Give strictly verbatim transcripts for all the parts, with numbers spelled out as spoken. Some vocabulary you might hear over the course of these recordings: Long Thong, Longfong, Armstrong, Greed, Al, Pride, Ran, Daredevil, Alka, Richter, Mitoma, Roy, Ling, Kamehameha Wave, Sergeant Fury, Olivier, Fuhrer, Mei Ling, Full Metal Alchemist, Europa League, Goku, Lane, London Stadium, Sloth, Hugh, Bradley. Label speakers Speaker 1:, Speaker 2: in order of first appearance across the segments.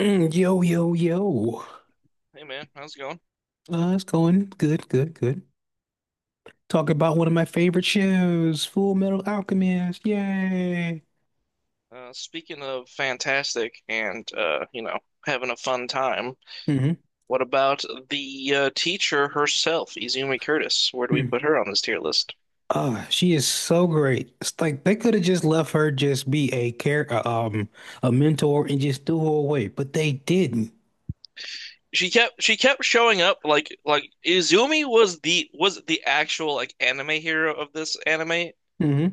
Speaker 1: Mm, Yo, yo, yo.
Speaker 2: Hey man, how's it going?
Speaker 1: Uh, it's going good, good, good. Talk about one of my favorite shows, Full Metal Alchemist. Yay.
Speaker 2: Uh, speaking of fantastic and uh, you know, having a fun time,
Speaker 1: hmm
Speaker 2: what about the uh, teacher herself, Izumi Curtis? Where do we
Speaker 1: Mm.
Speaker 2: put her on this tier list?
Speaker 1: Uh, she is so great. It's like they could have just left her just be a care, uh, um, a mentor and just threw her away, but they didn't.
Speaker 2: She kept she kept showing up like like Izumi was the was the actual like anime hero of this anime. Like,
Speaker 1: hmm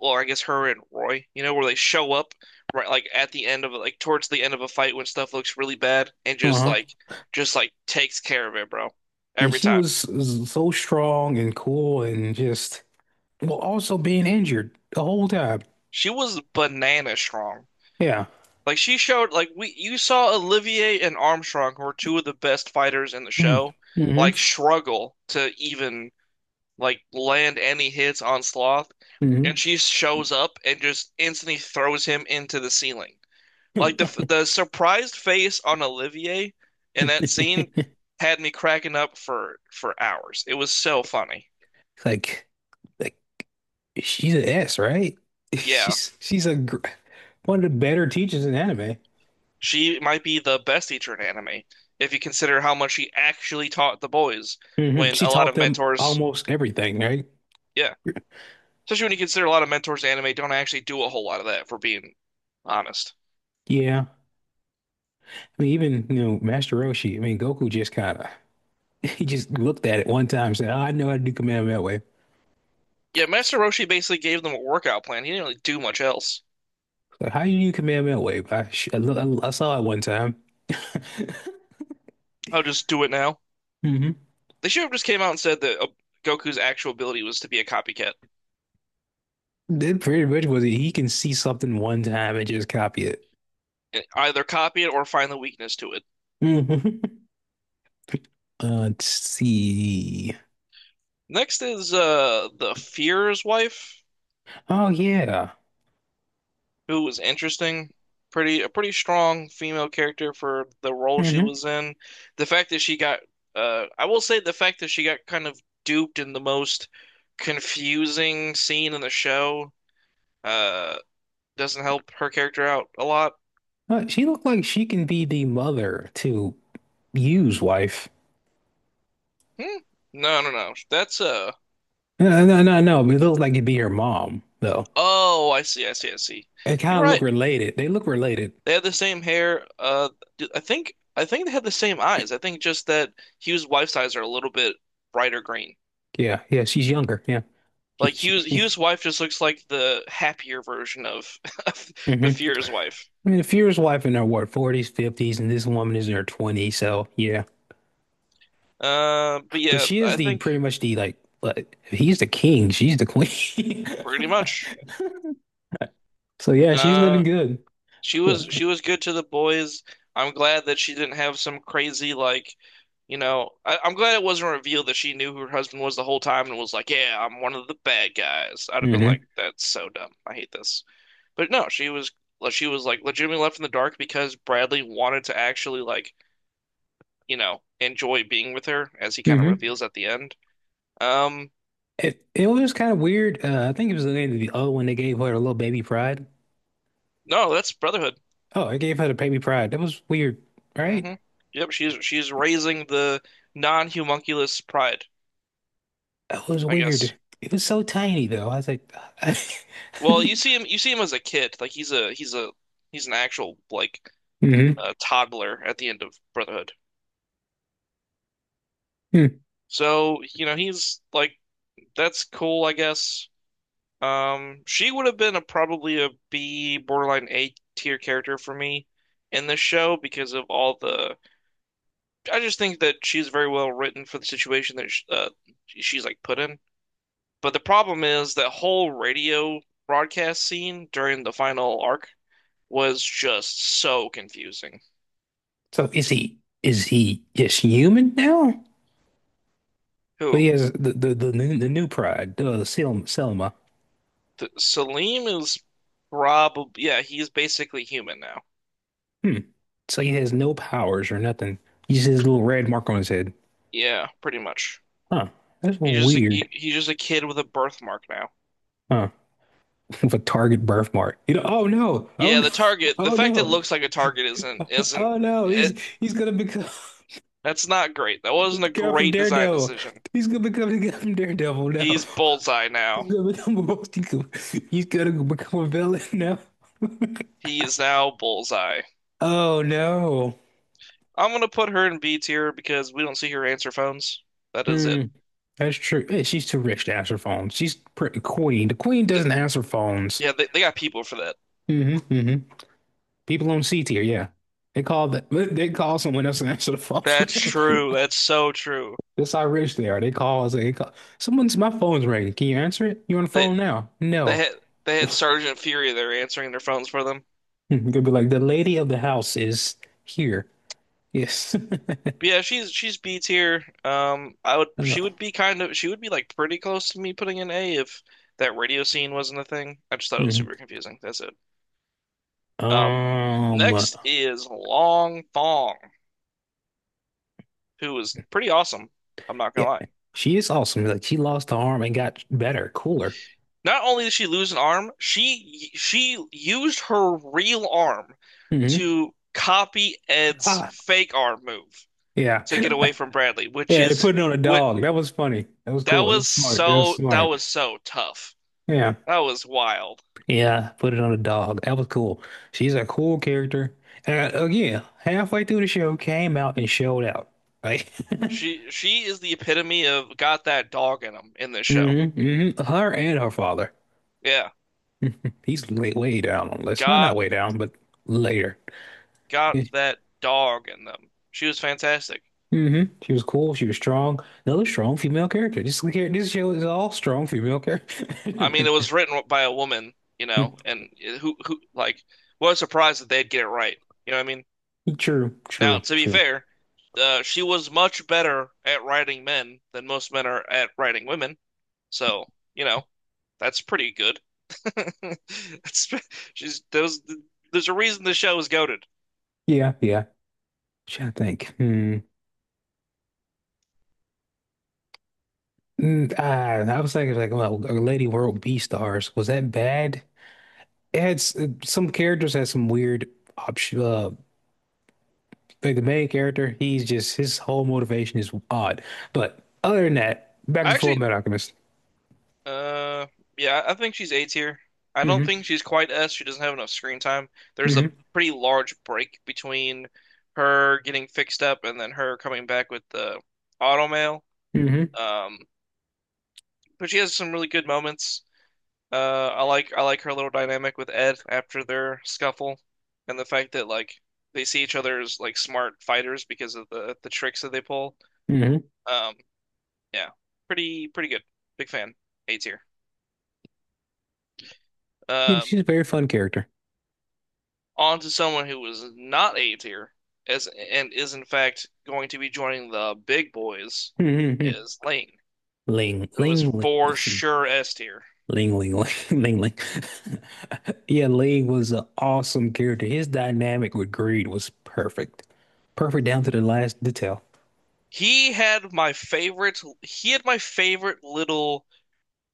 Speaker 2: or I guess her and Roy, you know, where they show up right like at the end of like towards the end of a fight when stuff looks really bad and just
Speaker 1: Uh-huh.
Speaker 2: like just like takes care of it, bro.
Speaker 1: And
Speaker 2: Every
Speaker 1: she
Speaker 2: time.
Speaker 1: was s- so strong and cool and just, well, also being injured the whole time.
Speaker 2: She was banana strong.
Speaker 1: Yeah.
Speaker 2: Like she showed like we you saw Olivier and Armstrong, who are two of the best fighters in the
Speaker 1: Mm.
Speaker 2: show,
Speaker 1: hmm
Speaker 2: like struggle to even like land any hits on Sloth, and she shows up and just instantly throws him into the ceiling. Like the the surprised face on Olivier in
Speaker 1: hmm
Speaker 2: that scene had me cracking up for for hours. It was so funny.
Speaker 1: Like, like she's an S, right?
Speaker 2: Yeah.
Speaker 1: She's she's a gr one of the better teachers in anime.
Speaker 2: She might be the best teacher in anime if you consider how much she actually taught the boys
Speaker 1: Hmm
Speaker 2: when
Speaker 1: She
Speaker 2: a lot
Speaker 1: taught
Speaker 2: of
Speaker 1: them
Speaker 2: mentors,
Speaker 1: almost everything, right?
Speaker 2: yeah, especially when you consider a lot of mentors in anime don't actually do a whole lot of that, for being honest.
Speaker 1: Yeah. I mean, even you know, Master Roshi. I mean, Goku just kind of he just looked at it one time and said, "Oh, I know how to do Kamehameha Wave."
Speaker 2: Yeah, Master Roshi basically gave them a workout plan. He didn't really do much else.
Speaker 1: Like, how do you do Kamehameha Wave? I, sh- I, lo- I saw it one time.
Speaker 2: I'll just do it now.
Speaker 1: hmm
Speaker 2: They should have just came out and said that uh, Goku's actual ability was to be a copycat.
Speaker 1: That pretty much was it. He can see something one time and just copy it.
Speaker 2: Either copy it or find the weakness to it.
Speaker 1: hmm Uh, let's see.
Speaker 2: Next is uh the Fear's wife,
Speaker 1: Oh yeah.
Speaker 2: who was interesting, pretty a pretty strong female character for the role she
Speaker 1: hmm
Speaker 2: was in. The fact that she got, uh, I will say the fact that she got kind of duped in the most confusing scene in the show, uh, doesn't help her character out a lot.
Speaker 1: Uh, she looked like she can be the mother to Yu's wife.
Speaker 2: Hmm? No, no, no. That's uh.
Speaker 1: No, no, no, no, no, but it looked like it'd be her mom, though.
Speaker 2: Oh, I see, I see, I see.
Speaker 1: They kind
Speaker 2: You're
Speaker 1: of look
Speaker 2: right.
Speaker 1: related. They look related.
Speaker 2: They had the same hair. Uh, d- I think I think they had the same eyes. I think just that Hugh's wife's eyes are a little bit brighter green.
Speaker 1: Yeah, yeah. She's younger. Yeah. She,
Speaker 2: Like Hugh
Speaker 1: she,
Speaker 2: Hugh's wife just looks like the happier version of, of the
Speaker 1: hmm
Speaker 2: Fuhrer's wife.
Speaker 1: I mean, the Fuhrer's wife in her what, forties, fifties, and this woman is in her twenties. So yeah,
Speaker 2: Uh, but
Speaker 1: but
Speaker 2: yeah,
Speaker 1: she is
Speaker 2: I
Speaker 1: the
Speaker 2: think
Speaker 1: pretty much the like. Like, if he's the king, she's the queen.
Speaker 2: pretty much.
Speaker 1: So yeah, she's living
Speaker 2: Uh,
Speaker 1: good.
Speaker 2: she was she was good to the boys. I'm glad that she didn't have some crazy like, you know, I, I'm glad it wasn't revealed that she knew who her husband was the whole time and was like, "Yeah, I'm one of the bad guys." I'd have been
Speaker 1: hmm
Speaker 2: like, "That's so dumb. I hate this." But no, she was like, she was like legitimately left in the dark because Bradley wanted to actually like you know, enjoy being with her as he kind of
Speaker 1: hmm
Speaker 2: reveals at the end. Um,
Speaker 1: It it was kind of weird. Uh, I think it was the end of the O when they gave her a little baby pride.
Speaker 2: no, that's Brotherhood.
Speaker 1: Oh, it gave her the baby pride. That was weird, right?
Speaker 2: Hmm. Yep, she's she's raising the non-homunculus pride,
Speaker 1: That was
Speaker 2: I
Speaker 1: weird.
Speaker 2: guess.
Speaker 1: It was so tiny though. I was like,
Speaker 2: Well, you see him you see him as a kid, like he's a he's a he's an actual like
Speaker 1: hmm
Speaker 2: uh, toddler at the end of Brotherhood. So, you know, he's like that's cool, I guess. Um, she would have been a probably a B, borderline A tier character for me in this show because of all the I just think that she's very well written for the situation that sh uh, she's like put in. But the problem is that whole radio broadcast scene during the final arc was just so confusing.
Speaker 1: So is he is he just human now? But he
Speaker 2: Who?
Speaker 1: has the the the new, the new pride, the Sel Selma.
Speaker 2: Th Salim is probably yeah, he's basically human now.
Speaker 1: Hmm. So he has no powers or nothing. He just has a little red mark on his head.
Speaker 2: Yeah, pretty much.
Speaker 1: Huh. That's
Speaker 2: He's just a,
Speaker 1: weird.
Speaker 2: he, he's just a kid with a birthmark now.
Speaker 1: Huh. With a target birthmark. You know, oh no. Oh
Speaker 2: Yeah,
Speaker 1: no.
Speaker 2: the target, the
Speaker 1: Oh
Speaker 2: fact that it
Speaker 1: no.
Speaker 2: looks like a target isn't isn't
Speaker 1: Oh no, he's
Speaker 2: it,
Speaker 1: he's gonna become
Speaker 2: that's not great. That
Speaker 1: the
Speaker 2: wasn't a
Speaker 1: guy from
Speaker 2: great design
Speaker 1: Daredevil.
Speaker 2: decision.
Speaker 1: He's gonna become the guy from Daredevil now.
Speaker 2: He's bullseye
Speaker 1: He's
Speaker 2: now.
Speaker 1: gonna become a multi- he's gonna become a villain now.
Speaker 2: He is now Bullseye.
Speaker 1: Oh no.
Speaker 2: I'm gonna put her in B tier because we don't see her answer phones. That is
Speaker 1: Hmm,
Speaker 2: it.
Speaker 1: that's true. Eh, she's too rich to answer phones. She's pretty queen. The queen doesn't answer phones.
Speaker 2: Yeah, they, they got people for that.
Speaker 1: hmm hmm People on C tier, yeah. They call the, they call someone else and answer the
Speaker 2: That's
Speaker 1: phone.
Speaker 2: true. That's so true.
Speaker 1: That's how rich they are. They call us. They call someone's my phone's ringing. Can you answer it? You on the
Speaker 2: They
Speaker 1: phone now?
Speaker 2: they
Speaker 1: No.
Speaker 2: had they had Sergeant Fury there answering their phones for them.
Speaker 1: You could be like, the lady of the house is here. Yes.
Speaker 2: But yeah, she's she's B tier. Um, I would
Speaker 1: Uh,
Speaker 2: She would be kind of she would be like pretty close to me putting in A if that radio scene wasn't a thing. I just thought it was
Speaker 1: mhm.
Speaker 2: super confusing. That's it. Um,
Speaker 1: Um,
Speaker 2: Next is Long Thong, who is pretty awesome. I'm not
Speaker 1: yeah,
Speaker 2: gonna lie.
Speaker 1: she is awesome. Like she lost the arm and got better, cooler.
Speaker 2: Not only did she lose an arm, she she used her real arm
Speaker 1: hmm
Speaker 2: to copy Ed's
Speaker 1: Ah,
Speaker 2: fake arm move
Speaker 1: yeah.
Speaker 2: to get away from Bradley, which
Speaker 1: Yeah, they
Speaker 2: is
Speaker 1: put it on a
Speaker 2: what
Speaker 1: dog. That was funny. That was
Speaker 2: that
Speaker 1: cool. That
Speaker 2: was
Speaker 1: was smart. That was
Speaker 2: so that
Speaker 1: smart.
Speaker 2: was so tough.
Speaker 1: Yeah.
Speaker 2: That was wild.
Speaker 1: Yeah, put it on a dog. That was cool. She's a cool character. And uh, again, halfway through the show, came out and showed out. Right?
Speaker 2: She she is the epitome of got that dog in them in this show.
Speaker 1: hmm hmm Her and her father.
Speaker 2: Yeah,
Speaker 1: He's way, way down on the list. Well, not
Speaker 2: got
Speaker 1: way down, but later.
Speaker 2: got that dog in them. She was fantastic.
Speaker 1: hmm She was cool. She was strong. Another strong female character. This this show is all strong female
Speaker 2: I mean,
Speaker 1: character.
Speaker 2: it was written by a woman, you know, and who who like what a surprise that they'd get it right. You know what I mean?
Speaker 1: True,
Speaker 2: Now,
Speaker 1: true,
Speaker 2: to be
Speaker 1: true.
Speaker 2: fair, uh, she was much better at writing men than most men are at writing women. So, you know, that's pretty good. That's, she's there's there's a reason the show is goated.
Speaker 1: Yeah, yeah. Trying to think. Hmm. Mm, ah, I was thinking like, well, Lady World B stars was that bad? It had s- some characters had some weird option. Uh, like the main character, he's just his whole motivation is odd. But other than that, back
Speaker 2: I
Speaker 1: to Full
Speaker 2: actually,
Speaker 1: Metal Alchemist.
Speaker 2: uh, yeah, I think she's A tier. I don't
Speaker 1: hmm
Speaker 2: think she's quite S. She doesn't have enough screen time. There's a
Speaker 1: hmm
Speaker 2: pretty large break between her getting fixed up and then her coming back with the automail.
Speaker 1: hmm
Speaker 2: Um, but she has some really good moments. Uh, I like I like her little dynamic with Ed after their scuffle, and the fact that like they see each other as like smart fighters because of the the tricks that they pull.
Speaker 1: hmm
Speaker 2: Um, yeah, pretty pretty good. Big fan. A tier.
Speaker 1: Yeah,
Speaker 2: Um,
Speaker 1: she's a very fun character.
Speaker 2: on to someone who was not A tier, as and is in fact going to be joining the big boys,
Speaker 1: Mm-hmm. Mm-hmm.
Speaker 2: is Lane,
Speaker 1: Ling,
Speaker 2: who is
Speaker 1: Ling, Ling,
Speaker 2: for sure S tier.
Speaker 1: Ling, Ling, Ling, Ling. Yeah, Ling was an awesome character. His dynamic with Greed was perfect, perfect down to the last detail.
Speaker 2: He had my favorite. He had my favorite little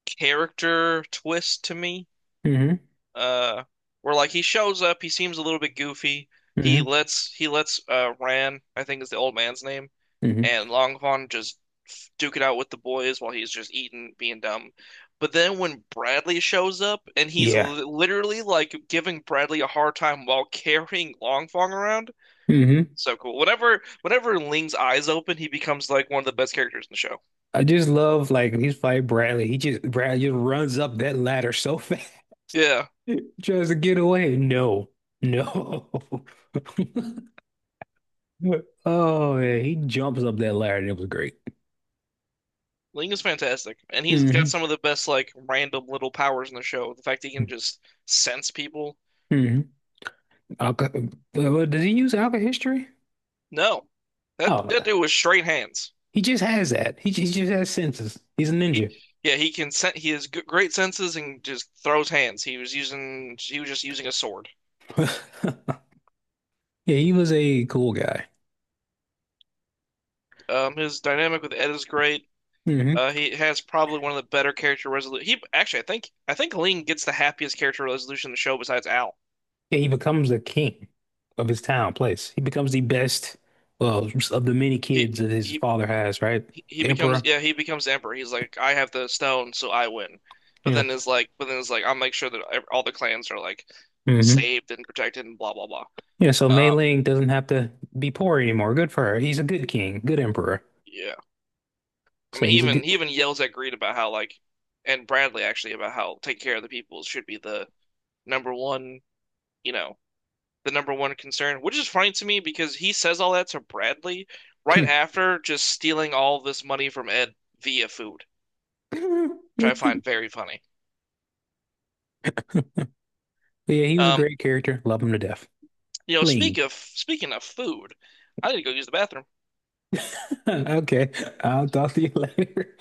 Speaker 2: character twist to me
Speaker 1: hmm
Speaker 2: uh where like he shows up, he seems a little bit goofy. He
Speaker 1: hmm
Speaker 2: lets he lets uh Ran, I think is the old man's name,
Speaker 1: hmm
Speaker 2: and Longfong just duke it out with the boys while he's just eating, being dumb. But then when Bradley shows up and he's
Speaker 1: Yeah.
Speaker 2: li literally like giving Bradley a hard time while carrying Longfong around,
Speaker 1: hmm
Speaker 2: so cool. Whenever whenever Ling's eyes open, he becomes like one of the best characters in the show.
Speaker 1: I just love like he's fighting Bradley. He just Bradley just runs up that ladder so fast,
Speaker 2: Yeah.
Speaker 1: tries to get away. No, no. Oh man, he jumps up that ladder. It was great.
Speaker 2: Ling is fantastic, and he's got
Speaker 1: hmm
Speaker 2: some of the best like random little powers in the show. The fact he can just sense people.
Speaker 1: hmm Alka, well, did he use Alka history?
Speaker 2: No, that
Speaker 1: Oh,
Speaker 2: that dude was straight hands.
Speaker 1: he just has that. He, he just has senses. He's a
Speaker 2: He,
Speaker 1: ninja.
Speaker 2: yeah, he can sen he has g great senses and just throws hands. He was using he was just using a sword.
Speaker 1: Yeah, he was a cool guy.
Speaker 2: Um, his dynamic with Ed is great.
Speaker 1: hmm
Speaker 2: Uh, he has probably one of the better character resolution. He actually, I think I think Ling gets the happiest character resolution in the show besides Al.
Speaker 1: Yeah, he becomes the king of his town, place. He becomes the best, well, of the many kids
Speaker 2: He
Speaker 1: that his
Speaker 2: he
Speaker 1: father has, right?
Speaker 2: he, he
Speaker 1: The
Speaker 2: becomes
Speaker 1: emperor.
Speaker 2: yeah he becomes emperor. He's like I have the stone, so I win. But
Speaker 1: Yeah.
Speaker 2: then is like but then is like I'll make sure that ev- all the clans are like
Speaker 1: hmm
Speaker 2: saved and protected and blah blah blah.
Speaker 1: Yeah, so Mei
Speaker 2: Um,
Speaker 1: Ling doesn't have to be poor anymore. Good for her. He's a good king, good emperor.
Speaker 2: yeah, I
Speaker 1: So
Speaker 2: mean he
Speaker 1: he's a
Speaker 2: even
Speaker 1: good.
Speaker 2: he even yells at Greed about how like and Bradley actually about how taking care of the people should be the number one you know the number one concern, which is funny to me because he says all that to Bradley right after just stealing all this money from Ed via food, which
Speaker 1: But
Speaker 2: I find very funny.
Speaker 1: yeah, he was a
Speaker 2: Um,
Speaker 1: great character. Love him to death.
Speaker 2: You know, speak
Speaker 1: Ling.
Speaker 2: of speaking of food, I need to go use the bathroom.
Speaker 1: Okay, I'll talk to you later.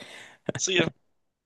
Speaker 2: See ya.